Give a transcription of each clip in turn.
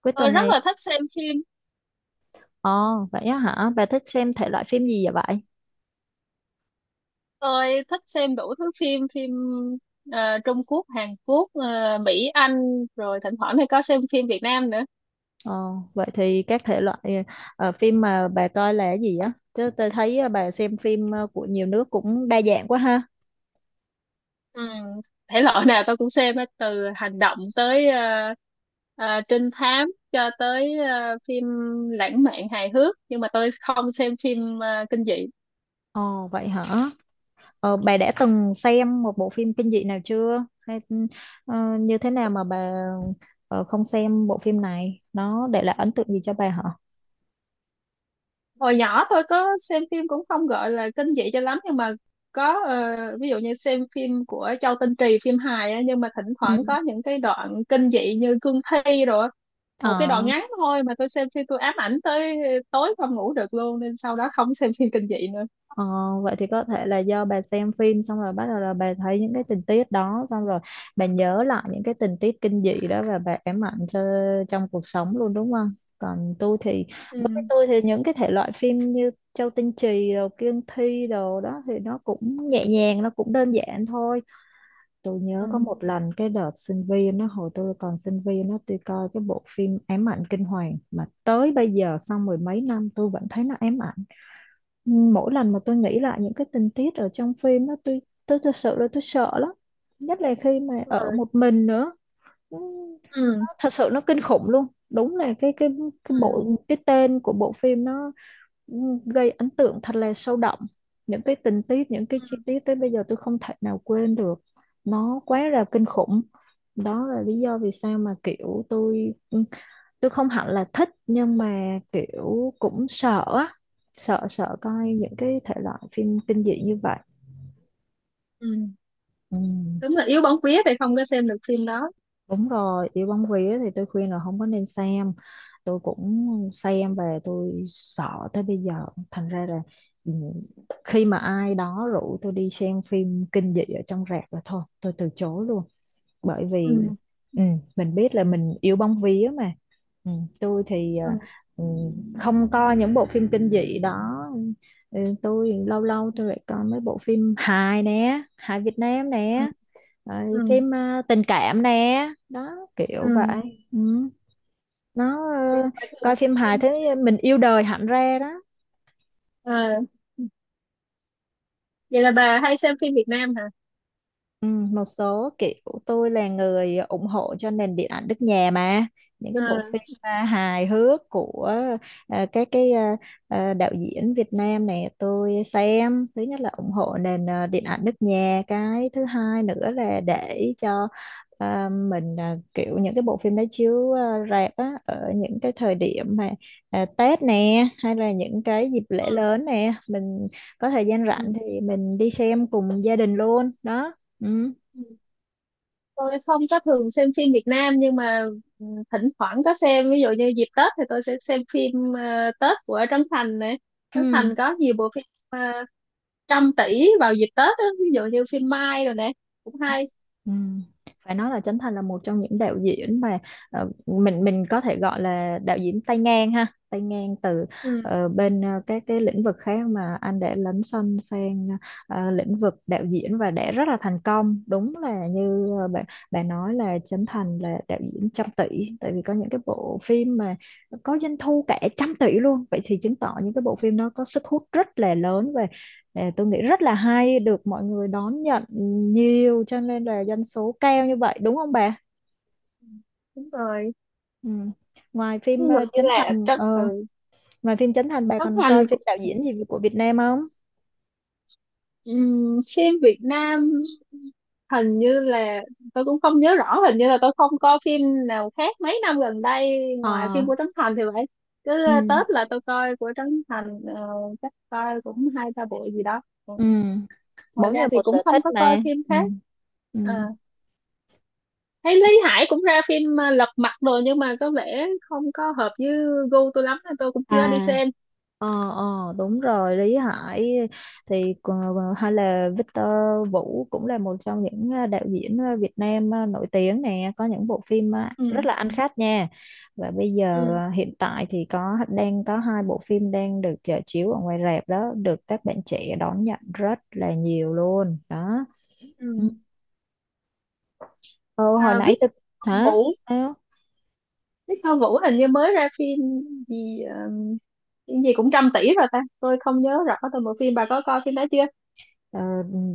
Cuối Tôi tuần rất này, là thích xem phim. ồ vậy á hả? Bà thích xem thể loại phim gì vậy vậy? Tôi thích xem đủ thứ phim phim, Trung Quốc, Hàn Quốc, Mỹ, Anh, rồi thỉnh thoảng thì có xem phim Việt Nam nữa. Ồ, vậy thì các thể loại phim mà bà coi là cái gì á? Chứ tôi thấy bà xem phim của nhiều nước cũng đa dạng quá ha. Ừ. Thể loại nào tôi cũng xem hết, từ hành động tới trinh thám, cho tới phim lãng mạn, hài hước, nhưng mà tôi không xem phim kinh dị. Ồ vậy hả? Bà đã từng xem một bộ phim kinh dị nào chưa? Hay ờ, như thế nào mà bà không xem bộ phim này? Nó để lại ấn tượng gì cho bà hả? Hồi nhỏ tôi có xem phim cũng không gọi là kinh dị cho lắm, nhưng mà có, ví dụ như xem phim của Châu Tinh Trì, phim hài á, nhưng mà thỉnh Ừ. thoảng có những cái đoạn kinh dị như cương thi rồi á. Một cái Ờ. đoạn ngắn thôi mà tôi xem phim tôi ám ảnh tới tối không ngủ được luôn, nên sau đó không xem phim kinh dị nữa. Ờ, Vậy thì có thể là do bà xem phim xong rồi bắt đầu là bà thấy những cái tình tiết đó xong rồi bà nhớ lại những cái tình tiết kinh dị đó và bà ám ảnh cho trong cuộc sống luôn đúng không? Còn tôi thì Ừ. Đối với tôi thì những cái thể loại phim như Châu Tinh Trì rồi Kiên Thi đồ đó thì nó cũng nhẹ nhàng nó cũng đơn giản thôi. Tôi nhớ có Ừ. một lần cái đợt sinh viên nó hồi tôi còn sinh viên nó tôi coi cái bộ phim Ám ảnh kinh hoàng mà tới bây giờ sau mười mấy năm tôi vẫn thấy nó ám ảnh mỗi lần mà tôi nghĩ lại những cái tình tiết ở trong phim đó tôi thật sự là tôi sợ lắm nhất là khi mà Đúng ở rồi. một mình nữa. Ừ, Ừ. thật sự nó kinh khủng luôn đúng là Ừ. Cái tên của bộ phim nó ừ, gây ấn tượng thật là sâu đậm những cái tình tiết những cái chi Ừ. tiết tới bây giờ tôi không thể nào quên được nó quá là kinh khủng. Đó là lý do vì sao mà kiểu tôi tôi không hẳn là thích nhưng mà kiểu cũng sợ á. Sợ sợ coi những cái thể loại phim kinh dị như vậy Ừ. ừ. Đúng là yếu bóng vía thì không có xem được phim đó. Đúng rồi, yêu bóng vía thì tôi khuyên là không có nên xem. Tôi cũng xem về tôi sợ tới bây giờ. Thành ra là ừ, khi mà ai đó rủ tôi đi xem phim kinh dị ở trong rạp là thôi, tôi từ chối luôn. Bởi Ừ. vì ừ, mình biết là mình yêu bóng vía mà. Ừ, tôi thì Ừ. ừ, không coi những bộ phim kinh dị đó. Ừ, tôi lâu lâu tôi lại coi mấy bộ phim hài nè, hài Việt Nam Ừ. nè. Rồi, Ừ. phim tình cảm nè đó kiểu Ừ. vậy ừ. Nó Vậy bà thường coi xem phim hài phim Việt thế Nam? mình yêu đời hẳn ra đó. À, vậy là bà hay xem phim Việt Nam hả? Ừ, một số kiểu tôi là người ủng hộ cho nền điện ảnh nước nhà mà những cái bộ À. phim hài hước của à, các cái à, à, đạo diễn Việt Nam này tôi xem thứ nhất là ủng hộ nền điện ảnh nước nhà cái thứ hai nữa là để cho mình kiểu những cái bộ phim đó chiếu rạp á, ở những cái thời điểm mà Tết nè hay là những cái dịp lễ lớn nè mình có thời gian À. Ừ. rảnh thì mình đi xem cùng gia đình luôn đó. Ừ. Tôi không có thường xem phim Việt Nam, nhưng mà ừ, thỉnh thoảng có xem, ví dụ như dịp Tết thì tôi sẽ xem phim Tết của Trấn Thành này. Trấn Ừ. Thành có nhiều bộ phim trăm tỷ vào dịp Tết á, ví dụ như phim Mai rồi nè, cũng hay. Ừ. Phải nói là Trấn Thành là một trong những đạo diễn mà mình có thể gọi là đạo diễn tay ngang ha, tay ngang từ Ừ, các cái lĩnh vực khác mà anh đã lấn sân sang lĩnh vực đạo diễn và đã rất là thành công. Đúng là như bạn bạn nói là Trấn Thành là đạo diễn 100 tỷ, tại vì có những cái bộ phim mà có doanh thu cả 100 tỷ luôn. Vậy thì chứng tỏ những cái bộ phim đó có sức hút rất là lớn. Ờ, tôi nghĩ rất là hay được mọi người đón nhận nhiều cho nên là doanh số cao như vậy đúng không bà? đúng rồi, Ừ. Ngoài ví phim dụ ờ, như Trấn là Thành ờ, ngoài phim Chấn Thành bà Trấn còn Thành. coi phim đạo diễn gì của Việt Nam không? Phim Việt Nam hình như là, tôi cũng không nhớ rõ, hình như là tôi không coi phim nào khác mấy năm gần đây ngoài Ờ phim của Trấn Thành thì vậy. Cứ ừ. Tết là tôi coi của Trấn Thành, chắc coi cũng hai ba bộ gì đó. Ừ. Ừ. Ngoài Mỗi người ra thì một cũng sở thích không có coi mà. phim Ừ. khác. Ừ. À, thấy Lý Hải cũng ra phim Lật Mặt rồi, nhưng mà có vẻ không có hợp với gu tôi lắm nên tôi cũng chưa đi À. xem. Ờ, đúng rồi Lý Hải thì hay là Victor Vũ cũng là một trong những đạo diễn Việt Nam nổi tiếng nè có những bộ phim Ừ. rất là ăn khách nha và bây giờ Ừ. Hiện tại thì có đang có hai bộ phim đang được chiếu ở ngoài rạp đó được các bạn trẻ đón nhận rất là nhiều luôn đó Ừ. ừ, Ờ, hồi À, nãy Viết tôi hả Vũ, sao. Đức Thơ Vũ hình như mới ra phim gì, phim gì cũng trăm tỷ rồi ta, tôi không nhớ rõ tôi một phim, bà có coi phim đó chưa? Ờ,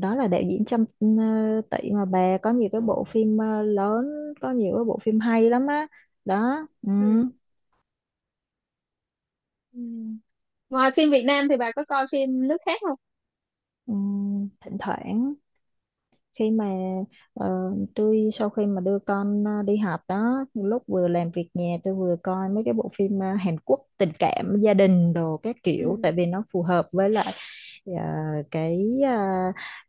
đó là đạo diễn Trâm Tị mà bà có nhiều cái bộ phim lớn có nhiều cái bộ phim hay lắm á đó ừ. Ừ. Ừ. Ngoài phim Việt Nam thì bà có coi phim nước khác không? Ừ. Thỉnh thoảng khi mà tôi sau khi mà đưa con đi học đó lúc vừa làm việc nhà tôi vừa coi mấy cái bộ phim Hàn Quốc tình cảm gia đình đồ các Ừ. kiểu tại vì nó phù hợp với lại ờ, cái ờ,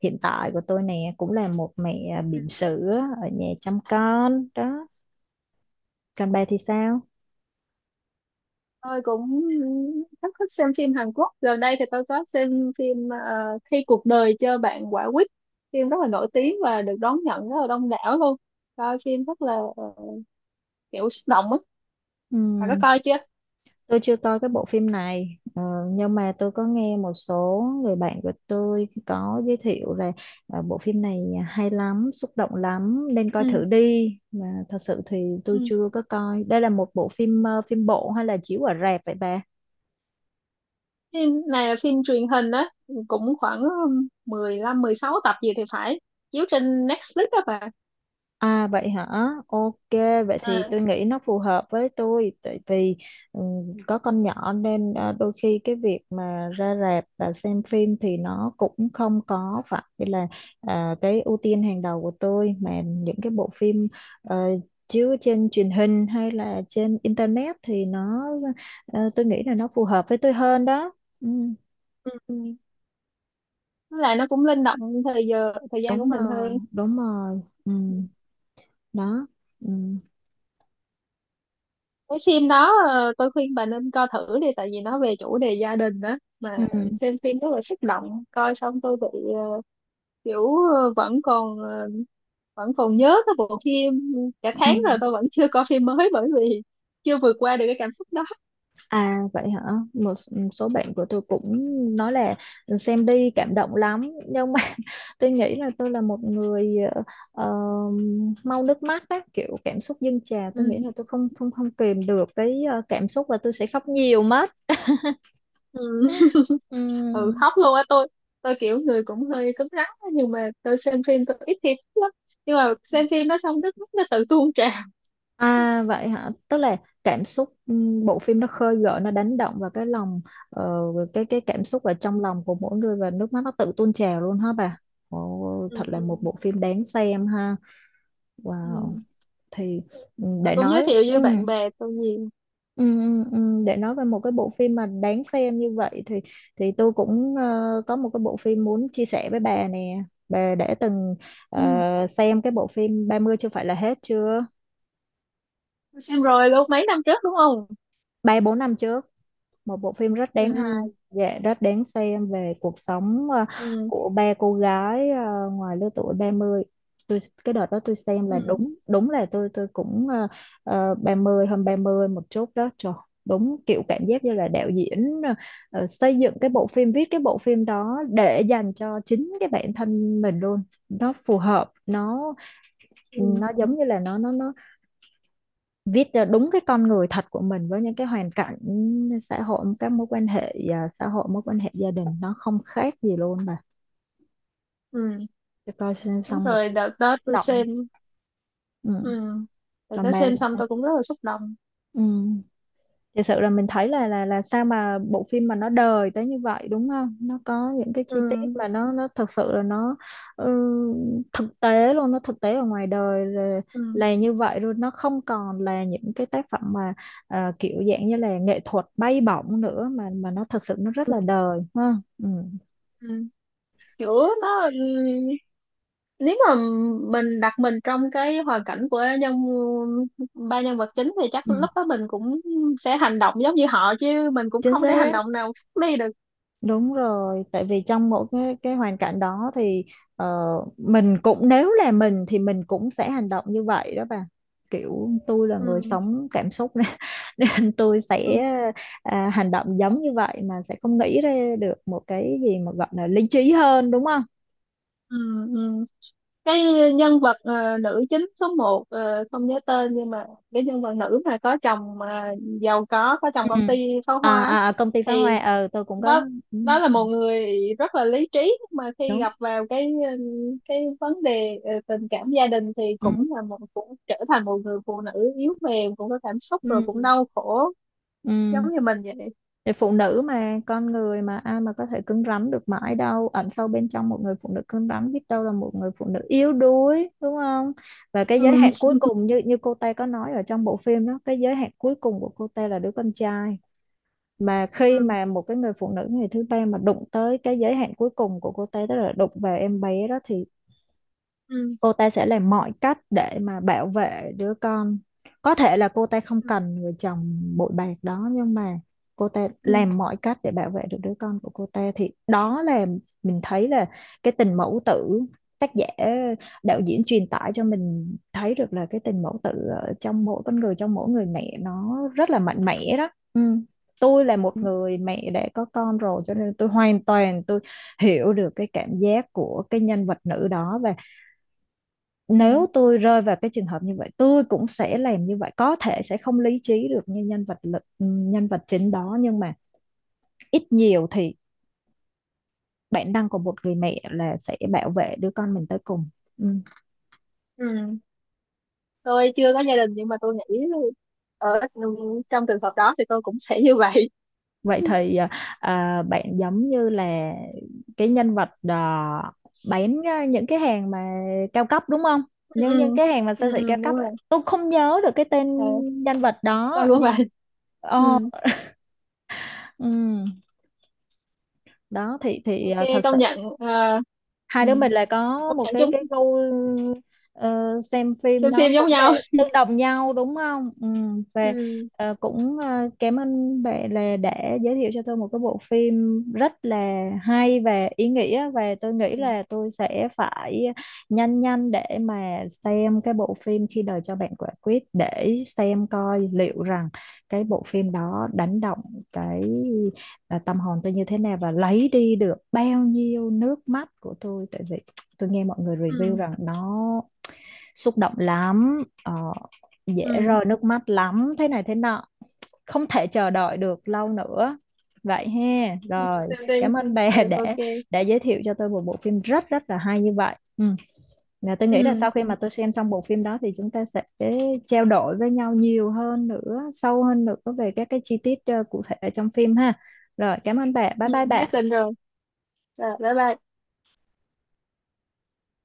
hiện tại của tôi nè cũng là một mẹ Ừ. bỉm sữa ở nhà chăm con đó. Còn bà thì sao? Tôi cũng rất thích xem phim Hàn Quốc, gần đây thì tôi có xem phim Khi cuộc đời cho bạn quả quýt. Phim rất là nổi tiếng và được đón nhận rất là đông đảo luôn. Coi phim rất là kiểu xúc động á. Ừ. Bà có coi chưa? Tôi chưa coi cái bộ phim này nhưng mà tôi có nghe một số người bạn của tôi có giới thiệu là bộ phim này hay lắm, xúc động lắm nên coi thử đi. Mà thật sự thì Ừ. tôi chưa có coi. Đây là một bộ phim phim bộ hay là chiếu ở rạp vậy bà? Phim này là phim truyền hình á, cũng khoảng 15 16 tập gì thì phải, chiếu trên Netflix đó bà. À vậy hả? Ok, vậy À. thì tôi nghĩ nó phù hợp với tôi tại vì có con nhỏ nên đôi khi cái việc mà ra rạp và xem phim thì nó cũng không có phải là cái ưu tiên hàng đầu của tôi mà những cái bộ phim ờ, chiếu trên truyền hình hay là trên internet thì nó tôi nghĩ là nó phù hợp với tôi hơn đó. Ừ, Ừ. Ừ. Với lại nó cũng linh động thời giờ, thời gian của đúng mình rồi, hơn. đúng rồi. Ừ, đó. Ừ. Cái phim đó, tôi khuyên bà nên coi thử đi, tại vì nó về chủ đề gia đình đó Ừ. mà. Xem phim rất là xúc động, coi xong tôi bị ờ, kiểu vẫn còn nhớ cái bộ phim cả tháng rồi, Ừ. tôi vẫn chưa coi phim mới bởi vì chưa vượt qua được cái cảm xúc đó. À vậy hả? Một số bạn của tôi cũng nói là xem đi cảm động lắm nhưng mà tôi nghĩ là tôi là một người ờ, mau nước mắt á, kiểu cảm xúc dâng trào, Ừ. tôi nghĩ là tôi không không không kìm được cái cảm xúc và tôi sẽ khóc nhiều mất. Ừ. Ừ, Ừm. khóc luôn á. Tôi kiểu người cũng hơi cứng rắn á, nhưng mà tôi xem phim tôi ít khi khóc lắm, nhưng mà xem phim nó xong nước mắt nó tự tuôn trào. À vậy hả? Tức là cảm xúc bộ phim nó khơi gợi nó đánh động vào cái lòng ờ, cái cảm xúc ở trong lòng của mỗi người và nước mắt nó tự tuôn trào luôn hả bà? Ồ, Ừ. thật là Ừ. một bộ phim đáng xem ha. Wow. Ừ. Thì ừ, Tôi để cũng giới nói thiệu với ừ, bạn bè tôi nhiều. ừ, ừ, ừ, để nói về một cái bộ phim mà đáng xem như vậy thì tôi cũng có một cái bộ phim muốn chia sẻ với bà nè. Bà đã từng ờ, Ừ. xem cái bộ phim 30 chưa phải là hết chưa? Tôi xem rồi luôn mấy năm trước, đúng không? Ba bốn năm chưa? Một bộ phim rất Ừ. đáng hay Ừ. dạ rất đáng xem về cuộc sống Ừ. của ba cô gái ngoài lứa tuổi 30. Tôi cái đợt đó tôi xem Ừ. là đúng đúng là tôi cũng 30 hơn 30 một chút đó trời. Đúng kiểu cảm giác như là đạo diễn xây dựng cái bộ phim viết cái bộ phim đó để dành cho chính cái bản thân mình luôn. Nó phù hợp Ừ. nó giống như là nó viết cho đúng cái con người thật của mình với những cái hoàn cảnh xã hội các mối quan hệ xã hội mối quan hệ gia đình nó không khác gì luôn mà. Ừ. Tôi coi Đúng xong một rồi, đợt đó tôi động xem. ừ. Ừ. Đợt Còn đó ba xem thì xong sao? tôi cũng rất là xúc động. Ừ. Thực sự là mình thấy là là sao mà bộ phim mà nó đời tới như vậy đúng không? Nó có những cái Ừ. chi tiết mà nó thật sự là nó ừ, thực tế luôn nó thực tế ở ngoài đời là, Ừ. là như vậy luôn nó không còn là những cái tác phẩm mà kiểu dạng như là nghệ thuật bay bổng nữa mà nó thật sự nó rất Ừ. là đời ha ừ. Ừ. Kiểu nó, nếu mà mình đặt mình trong cái hoàn cảnh của ba nhân vật chính thì chắc Ừ. lúc đó mình cũng sẽ hành động giống như họ, chứ mình cũng Chính không thể hành xác. động nào khác đi được. Đúng rồi, tại vì trong mỗi cái hoàn cảnh đó thì ờ, mình cũng nếu là mình thì mình cũng sẽ hành động như vậy đó bà. Kiểu tôi là người Ừ. sống cảm xúc nên, nên tôi Ừ. sẽ hành động giống như vậy mà sẽ không nghĩ ra được một cái gì mà gọi là lý trí hơn đúng không? Ừ. Ừ. Cái nhân vật nữ chính số 1, không nhớ tên, nhưng mà cái nhân vật nữ mà có chồng mà giàu có chồng Ừ. công ty pháo hoa á, Công ty phá hoa thì tôi cũng có đó ừ, đó là một người rất là lý trí, nhưng mà khi đúng. gặp vào cái vấn đề tình cảm gia đình thì Ừ. cũng là một, cũng trở thành một người phụ nữ yếu mềm, cũng có cảm xúc Ừ. rồi cũng đau khổ giống Ừ. như mình vậy. Thì phụ nữ mà con người mà ai mà có thể cứng rắn được mãi đâu ẩn sâu bên trong một người phụ nữ cứng rắn biết đâu là một người phụ nữ yếu đuối đúng không và cái giới Ừ. hạn cuối cùng như như cô Tê có nói ở trong bộ phim đó cái giới hạn cuối cùng của cô Tê là đứa con trai mà khi Ừ. mà một cái người phụ nữ người thứ ba mà đụng tới cái giới hạn cuối cùng của cô Tê đó là đụng vào em bé đó thì Ừ. cô ta sẽ làm mọi cách để mà bảo vệ đứa con có thể là cô ta không Ừ. cần người chồng bội bạc đó nhưng mà cô ta Ừ. làm mọi cách để bảo vệ được đứa con của cô ta thì đó là mình thấy là cái tình mẫu tử tác giả đạo diễn truyền tải cho mình thấy được là cái tình mẫu tử ở trong mỗi con người trong mỗi người mẹ nó rất là mạnh mẽ đó ừ. Tôi là một Ừ. người mẹ đã có con rồi cho nên tôi hoàn toàn tôi hiểu được cái cảm giác của cái nhân vật nữ đó và nếu Ừ. tôi rơi vào cái trường hợp như vậy tôi cũng sẽ làm như vậy có thể sẽ không lý trí được như nhân vật lực nhân vật chính đó nhưng mà ít nhiều thì bản năng của một người mẹ là sẽ bảo vệ đứa con mình tới cùng ừ. Ừ. Tôi chưa có gia đình nhưng mà tôi nghĩ ở trong trường hợp đó thì tôi cũng sẽ như vậy. Vậy Ừ. thì bạn giống như là cái nhân vật bán những cái hàng mà cao cấp đúng không Ừ. những cái hàng mà siêu Ừ. Ừ, thị cao đúng cấp rồi. ấy. Tôi không nhớ được cái tên Ờ, nhân vật đó tôi cũng nhưng vậy. Ồ, Ừ. ừ. Đó thì Ok, thật sự công nhận hai ừ. đứa mình là có Công một nhận cái chung cái gu ờ, xem phim xem nó phim giống cũng là nhau. tương đồng nhau đúng không ừ. Và Ừ. Cảm ơn bạn là đã giới thiệu cho tôi một cái bộ phim rất là hay và ý nghĩa và tôi nghĩ Ừ. là tôi sẽ phải nhanh nhanh để mà xem cái bộ phim khi đời cho bạn quả quýt để xem coi liệu rằng cái bộ phim đó đánh động cái tâm hồn tôi như thế nào và lấy đi được bao nhiêu nước mắt của tôi tại vì tôi nghe mọi người review Ừ. rằng nó xúc động lắm ờ, dễ Ừ. rơi nước mắt lắm thế này thế nọ không thể chờ đợi được lâu nữa vậy ha Ừ. rồi Xem đi. cảm ơn bà Ừ. Ok. Đã giới thiệu cho tôi một bộ phim rất rất là hay như vậy ừ. Là tôi nghĩ là Ừ. sau khi mà tôi xem xong bộ phim đó thì chúng ta sẽ trao đổi với nhau nhiều hơn nữa sâu hơn nữa về các cái chi tiết cụ thể ở trong phim ha rồi cảm ơn bà bye Ừ, bye nhất bà định rồi. Rồi bye bye.